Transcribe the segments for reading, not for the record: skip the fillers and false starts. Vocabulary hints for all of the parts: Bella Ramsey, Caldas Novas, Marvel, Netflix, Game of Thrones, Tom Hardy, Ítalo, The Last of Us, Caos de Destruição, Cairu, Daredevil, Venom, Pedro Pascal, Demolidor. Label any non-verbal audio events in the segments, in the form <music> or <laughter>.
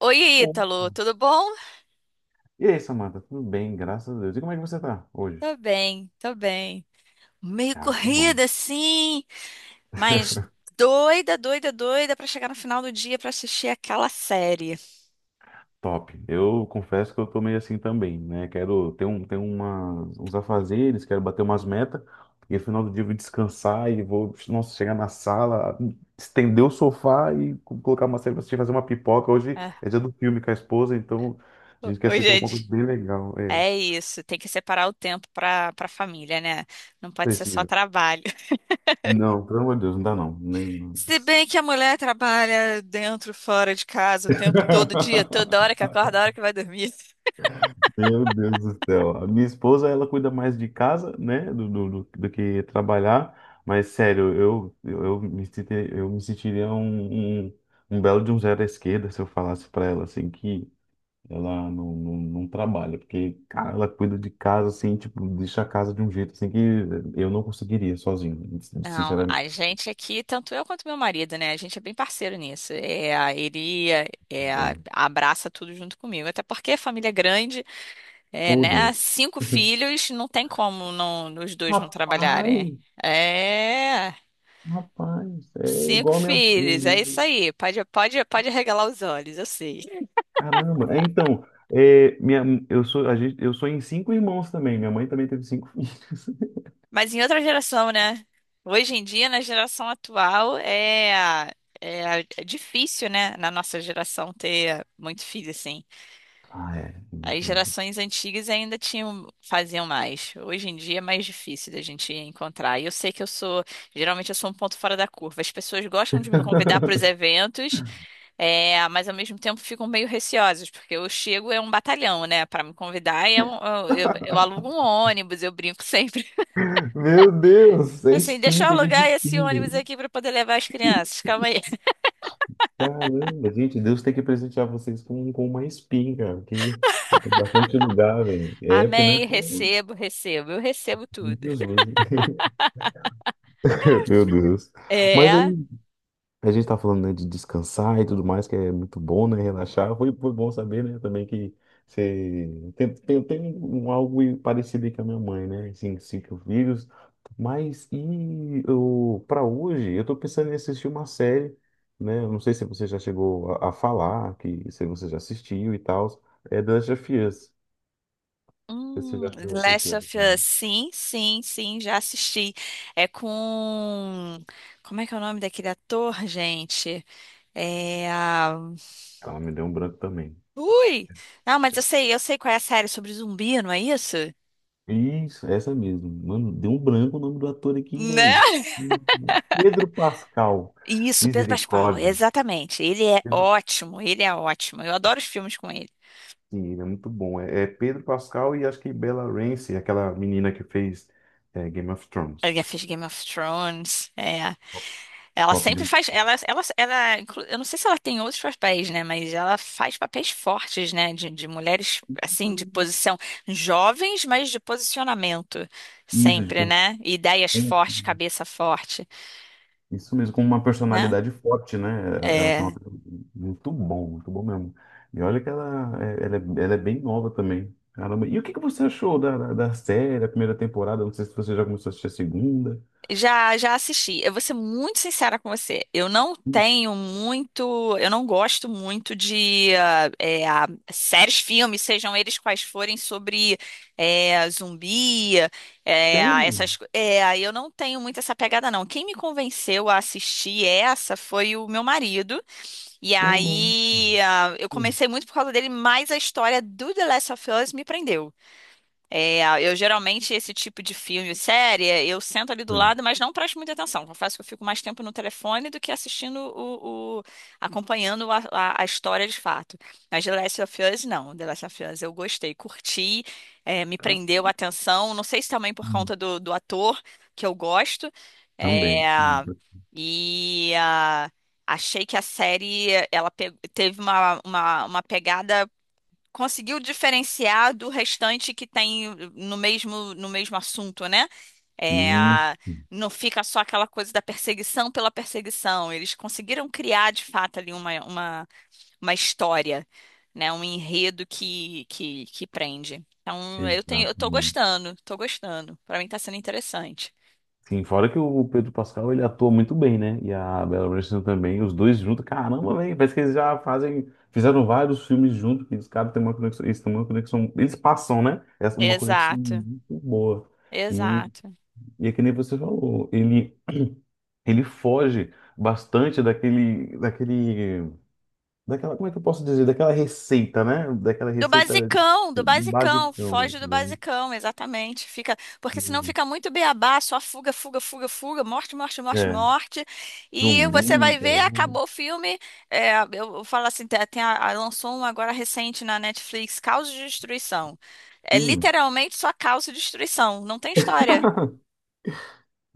Oi, Opa. Ítalo, tudo bom? E aí, Samanta? Tudo bem, graças a Deus. E como é que você tá hoje? Tô bem, tô bem. Meio Ah, que bom. corrida, sim, mas doida, doida, doida pra chegar no final do dia pra assistir aquela série. Top. Eu confesso que eu tô meio assim também, né? Quero ter um, ter umas, uns afazeres, quero bater umas metas, e no final do dia eu vou descansar e vou, nossa, chegar na sala, estender o sofá e colocar uma série pra assistir, fazer uma pipoca. Hoje É, é dia do filme com a esposa, então a ho- gente quer hoje assistir é alguma coisa di- bem legal. É, É isso, tem que separar o tempo pra para família, né? Não pode ser só precisa. trabalho. <laughs> Não, pelo amor de Deus, não dá não. Não. Se bem que a mulher trabalha dentro, fora de casa, o tempo todo dia, <laughs> toda hora que acorda, a hora que vai dormir. Meu Deus do céu. A minha esposa, ela cuida mais de casa, né, do que trabalhar. Mas, sério, eu me sentiria um belo de um zero à esquerda se eu falasse pra ela, assim, que ela não trabalha. Porque, cara, ela cuida de casa, assim, tipo, deixa a casa de um jeito, assim, que eu não conseguiria sozinho. Não, Sinceramente, a gente aqui, tanto eu quanto meu marido, né? A gente é bem parceiro nisso. É, ele bom. abraça tudo junto comigo. Até porque a família é grande, é, Meu né? Deus. Cinco filhos, não tem como não, os dois não trabalharem. Rapaz, É, rapaz, é cinco igual a minha filhos, é isso mãe. aí. Pode, pode, pode arregalar os olhos, eu sei. Caramba, é, então, é, minha, eu sou, a gente, eu sou em cinco irmãos também. Minha mãe também teve cinco filhos. <laughs> Mas em outra geração, né? Hoje em dia, na geração atual, é, é difícil, né? Na nossa geração ter muito filho, assim. Ah, é As difícil. gerações antigas ainda tinham, faziam mais. Hoje em dia é mais difícil da gente encontrar. E eu sei que eu sou, geralmente eu sou um ponto fora da curva. As pessoas gostam de me convidar para os <laughs> eventos, mas ao mesmo tempo ficam meio receosas, porque eu chego é um batalhão, né, para me convidar. Eu alugo um ônibus, eu brinco sempre. <laughs> Meu Deus, é Assim, deixa espinha eu que alugar esse de. ônibus aqui para poder levar as crianças. Calma aí. <laughs> Caramba, gente, Deus tem que presentear vocês com, uma espinha, cara, que é bastante lugar, velho. É, porque, né? Amém, Pô, recebo, recebo, eu recebo tudo. Jesus. <laughs> Meu Deus. Mas aí, É. a gente tá falando, né, de descansar e tudo mais, que é muito bom, né, relaxar. Foi, bom saber, né, também que você. Tem um algo parecido aí com a minha mãe, né, assim, cinco filhos. Mas, e eu, para hoje, eu tô pensando em assistir uma série, né, eu não sei se você já chegou a falar, que se você já assistiu e tal, é The Last of Us. Você já The Last of assistiu? Us, sim, sim, sim, já assisti. É com. Como é que é o nome daquele ator, gente? É. Ela me deu um branco também. Ui! Não, mas eu sei, qual é a série sobre zumbi, não é isso? Isso, essa mesmo. Mano, deu um branco o nome do ator aqui, velho. Né? Pedro Pascal. Isso, Pedro Pascal, Misericórdia. exatamente. Ele é Pedro. ótimo, ele é ótimo. Eu adoro os filmes com ele. Sim, ele é muito bom. É, Pedro Pascal e acho que Bella Ramsey, aquela menina que fez Game of Ele Thrones. já fez Game of Thrones, é. Ela Top sempre de. faz. Eu não sei se ela tem outros papéis, né? Mas ela faz papéis fortes, né? De mulheres, assim, de posição jovens, mas de posicionamento. Isso, Sempre, tipo, né? Ideias um fortes, cabeça forte, Isso mesmo, com uma né? personalidade forte, né? Ela tem uma É. personalidade muito bom mesmo. E olha que ela é bem nova também. Caramba. E o que que você achou da, da, da, série, a primeira temporada? Não sei se você já começou a assistir a segunda. Já assisti. Eu vou ser muito sincera com você. Eu não gosto muito de séries, filmes, sejam eles quais forem, sobre zumbi, é, Sério? essas. É, eu não tenho muito essa pegada, não. Quem me convenceu a assistir essa foi o meu marido. E Ô, louco. aí eu Hum, comecei muito por causa dele, mas a história do The Last of Us me prendeu. É, eu geralmente, esse tipo de filme e série, eu sento ali do lado, mas não presto muita atenção. Confesso que eu fico mais tempo no telefone do que assistindo acompanhando a história de fato. Mas The Last of Us, não. The Last of Us eu gostei, curti, me tá. prendeu a atenção. Não sei se também por Hum, conta do ator, que eu gosto. É, também. Hum. e achei que a série, teve uma, uma pegada conseguiu diferenciar do restante que tem no mesmo assunto, né? É, Isso, não fica só aquela coisa da perseguição pela perseguição. Eles conseguiram criar, de fato, ali uma, uma história, né? Um enredo que prende. Então, eu tô exatamente. gostando, tô gostando. Para mim tá sendo interessante. Sim, fora que o Pedro Pascal ele atua muito bem, né? E a Bella Ramsey também, os dois juntos, caramba, velho, parece que eles já fazem, fizeram vários filmes juntos, que os caras têm uma conexão, eles têm uma conexão, eles passam, né? Essa é uma conexão Exato, muito boa. E, exato. e, é que nem você falou, ele foge bastante daquela, como é que eu posso dizer? Daquela receita, né? Daquela receita Do do basicão, basicão, foge do né? basicão, exatamente. Fica, porque senão fica muito beabá, só fuga, fuga, fuga, fuga, morte, morte, morte, É, morte. E zumbi, você vai ver, então, acabou o filme. Eu falo assim, lançou um agora recente na Netflix, Caos de Destruição. É hum. literalmente só caos e destruição, não tem história. <laughs>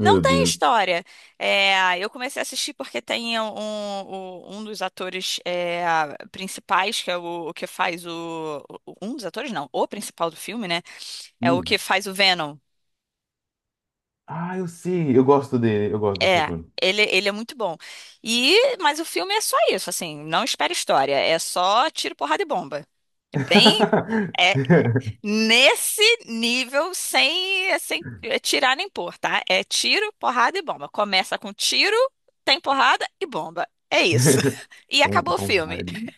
Não tem Deus. história. É, eu comecei a assistir porque tem um dos atores principais, que é o que faz o. Um dos atores, não, o principal do filme, né? É o que Hum. faz o Venom. Ah, eu sei, eu gosto dele, eu gosto desse É, ator. ele é muito bom. E, mas o filme é só isso, assim, não espera história. É só tiro, porrada e bomba. É bem. é <laughs> Nesse nível, sem tirar nem pôr, tá? É tiro, porrada e bomba. Começa com tiro, tem porrada e bomba. É isso. <laughs> E Tom, acabou o Tom filme. Hardy.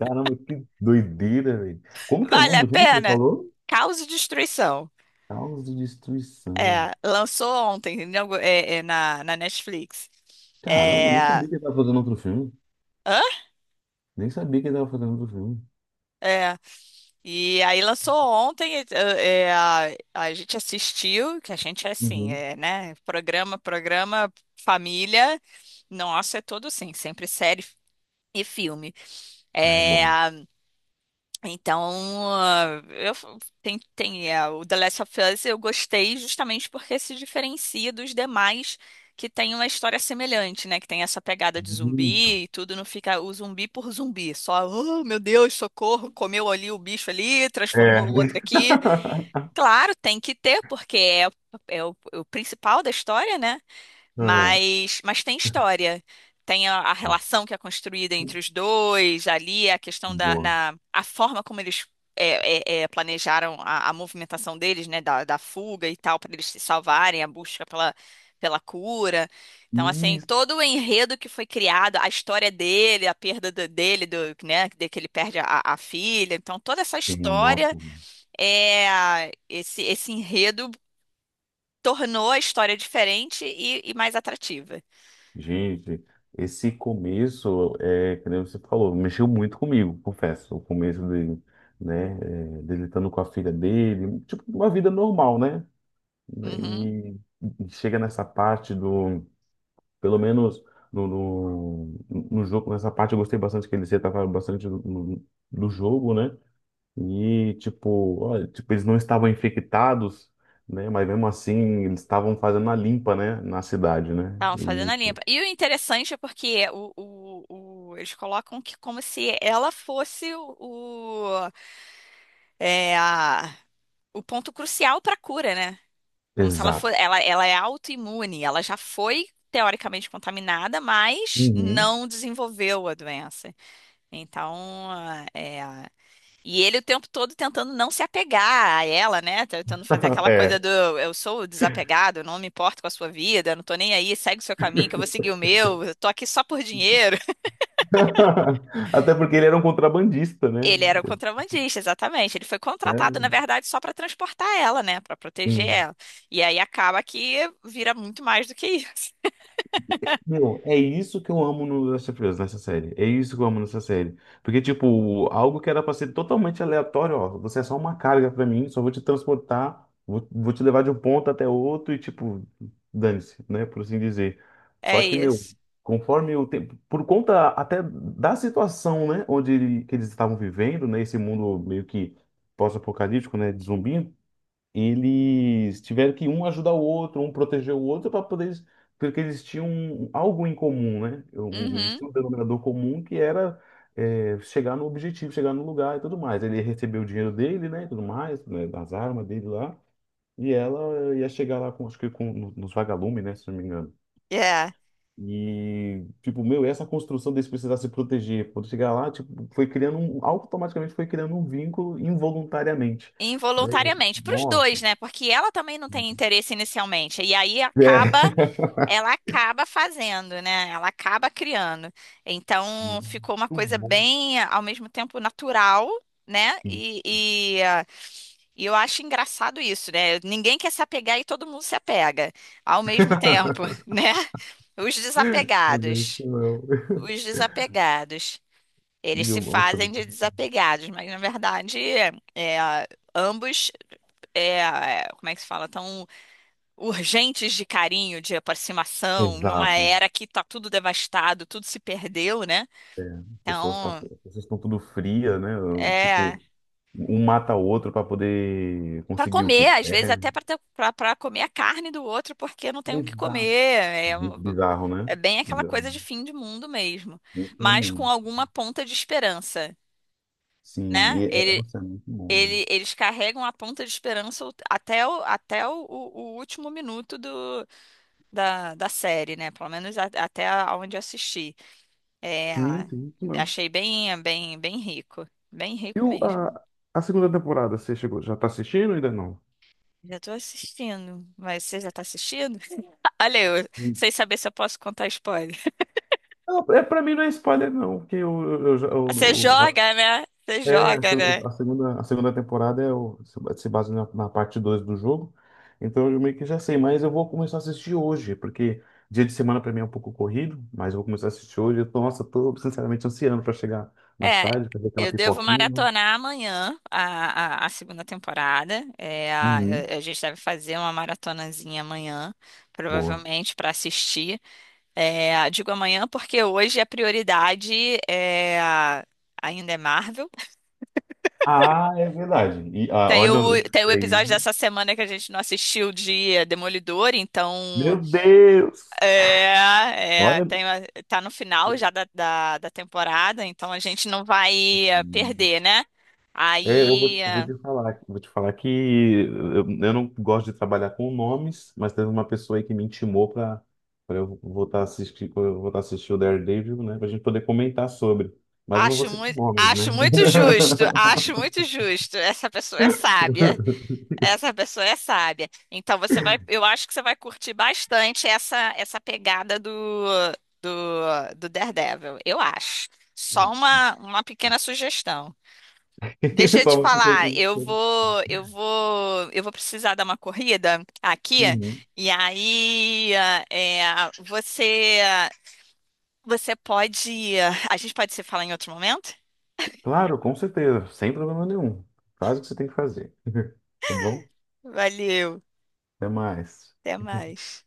Caramba, que doideira, velho. Como que é o Vale nome a do filme que você pena? falou? Caos e destruição. Caos de Destruição. É, lançou ontem na Netflix. Caramba, nem É, sabia que ele tava fazendo outro filme. hã? Nem sabia que ele tava fazendo outro filme. É, E aí lançou ontem, a gente assistiu, que a gente é assim, Uhum. é, né? Programa, programa, família. Nossa, é tudo assim, sempre série e filme. Ah, é bom. Então, o The Last of Us eu gostei justamente porque se diferencia dos demais que tem uma história semelhante, né? Que tem essa pegada de Muito. zumbi e tudo, não fica o zumbi por zumbi, só, oh, meu Deus, socorro, comeu ali o bicho ali, É. transformou o outro aqui. <laughs> Claro, tem que ter, porque é o principal da história, né? Ah, Mas tem história. Tem a relação que é construída entre os dois, ali a questão boa. A forma como eles planejaram a movimentação deles, né, da fuga e tal, para eles se salvarem, a busca pela cura. Então, assim, Isso, todo o enredo que foi criado, a história dele, a perda dele, né, de que ele perde a filha. Então, toda essa história, nossa. Esse enredo tornou a história diferente e mais atrativa. Gente, esse começo, é, que nem você falou, mexeu muito comigo, confesso. O começo dele, né? É, dele estando com a filha dele, tipo, uma vida normal, né? Né. Uhum. E, chega nessa parte do, pelo menos no, no, no jogo, nessa parte eu gostei bastante que eles retrataram bastante do jogo, né? E, tipo, olha, tipo, eles não estavam infectados, né? Mas mesmo assim, eles estavam fazendo a limpa, né? Na cidade, né? Estavam fazendo a limpa. E o interessante é porque eles colocam que como se ela fosse é, a- o ponto crucial para a cura, né? Como se ela for, Exato. ela, ela é autoimune, ela já foi teoricamente contaminada, mas Uhum. não desenvolveu a doença. Então, é. E ele o tempo todo tentando não se apegar a ela, né? Tentando fazer <laughs> aquela coisa É. do eu sou desapegado, não me importo com a sua vida, não tô nem aí, segue o seu caminho, que eu vou seguir o meu, eu tô aqui só por dinheiro. <laughs> <laughs> Até porque ele era um contrabandista, né? Ele era o contrabandista, exatamente. Ele foi Né? contratado, na verdade, só pra transportar ela, né? Pra proteger Hum. ela. E aí acaba que vira muito mais do que isso. <laughs> Meu, é isso que eu amo no Last of Us, nessa série. É isso que eu amo nessa série. Porque, tipo, algo que era pra ser totalmente aleatório, ó, você é só uma carga pra mim, só vou te transportar, vou te levar de um ponto até outro e, tipo, dane-se, né? Por assim dizer. Só É que, meu, isso. conforme o tempo, por conta até da situação, né, onde que eles estavam vivendo, né, esse mundo meio que pós-apocalíptico, né, de zumbi, eles tiveram que um ajudar o outro, um proteger o outro para poder, porque eles tinham algo em comum, né? Eles Uhum. tinham um denominador comum que era chegar no objetivo, chegar no lugar e tudo mais. Ele recebeu o dinheiro dele, né? E tudo mais, né? Das armas dele lá. E ela ia chegar lá com, acho que com, nos vagalumes, né? Se não me engano. É. E, tipo, meu, essa construção deles precisar se proteger, quando chegar lá, tipo, automaticamente foi criando um vínculo involuntariamente, né? Involuntariamente, para os dois, Nossa. né? Porque ela também não tem interesse inicialmente. E aí É. acaba <laughs> ela acaba fazendo, né? Ela acaba criando. Sim. Então ficou uma Não coisa bom, bem, ao mesmo tempo, natural, né? sim. E, ah, e eu acho engraçado isso, né? Ninguém quer se apegar e todo mundo se apega ao mesmo tempo, <laughs> né? Os Também desapegados. que não. Os desapegados. Eles Meu, se nossa, fazem de desapegados, mas na verdade, é, ambos, como é que se fala? Urgentes de carinho, de aproximação, numa exato. era que tá tudo devastado, tudo se perdeu, né? As pessoas tá, Então, as pessoas estão tudo fria, né? é Tipo, um mata o outro para poder para conseguir o que comer, às vezes quer. até para comer a carne do outro, porque não tem o que Exato. comer. É, Bizarro, né? é bem aquela coisa Bizarro. de fim de mundo mesmo, Isso no mas com mundo. alguma ponta de esperança, Sim, né? e Ele, nossa, é muito bom, né? ele- eles carregam a ponta de esperança até o o último minuto da série, né? Pelo menos até onde assisti. É, Sim, sim, isso mesmo. achei bem, bem, bem rico. Bem E rico o, mesmo. a, a segunda temporada, você chegou? Já tá assistindo ou ainda não? Já tô assistindo. Mas você já tá assistindo? <laughs> Olha eu, sem saber se eu posso contar spoiler. <laughs> Não, é, pra mim não é spoiler, não, porque eu, eu, já- Você eu, joga, né? Você É, a, se- joga, né? A segunda temporada é o, se se baseia na parte 2 do jogo. Então eu meio que já sei, mas eu vou começar a assistir hoje, porque dia de semana pra mim é um pouco corrido, mas eu vou começar a assistir hoje. Nossa, tô sinceramente ansiando pra chegar mais É, tarde, fazer aquela eu devo pipoquinha, né? maratonar amanhã a segunda temporada. É, Uhum, a gente deve fazer uma maratonazinha amanhã, boa. provavelmente, para assistir. É, digo amanhã porque hoje a prioridade é, ainda é Marvel. Ah, é verdade. E, Tem o, olha isso tem o aí. episódio dessa semana que a gente não assistiu de Demolidor, então Meu Deus! é, é, Olha. tem, a- tá no final já da temporada, então a gente não vai perder, né? É, Aí eu vou te falar que eu não gosto de trabalhar com nomes, mas teve uma pessoa aí que me intimou para eu voltar a assistir, pra eu voltar a assistir o Daredevil, né, para a gente poder comentar sobre. Mas eu não vou citar nomes, né? acho muito justo, <laughs> acho muito justo. Essa pessoa é sábia. Essa pessoa é sábia. Então você vai, eu acho que você vai curtir bastante essa pegada do Daredevil, eu acho. Só Não. uma pequena sugestão. Deixa <laughs> eu Só te vou ficar falar, eu assistindo. vou eu vou eu vou precisar dar uma corrida aqui Uhum. e aí é, você você pode a gente pode se falar em outro momento? Claro, com certeza, sem problema nenhum. Faz o que você tem que fazer. <laughs> Tá bom? Valeu, Até mais. até mais.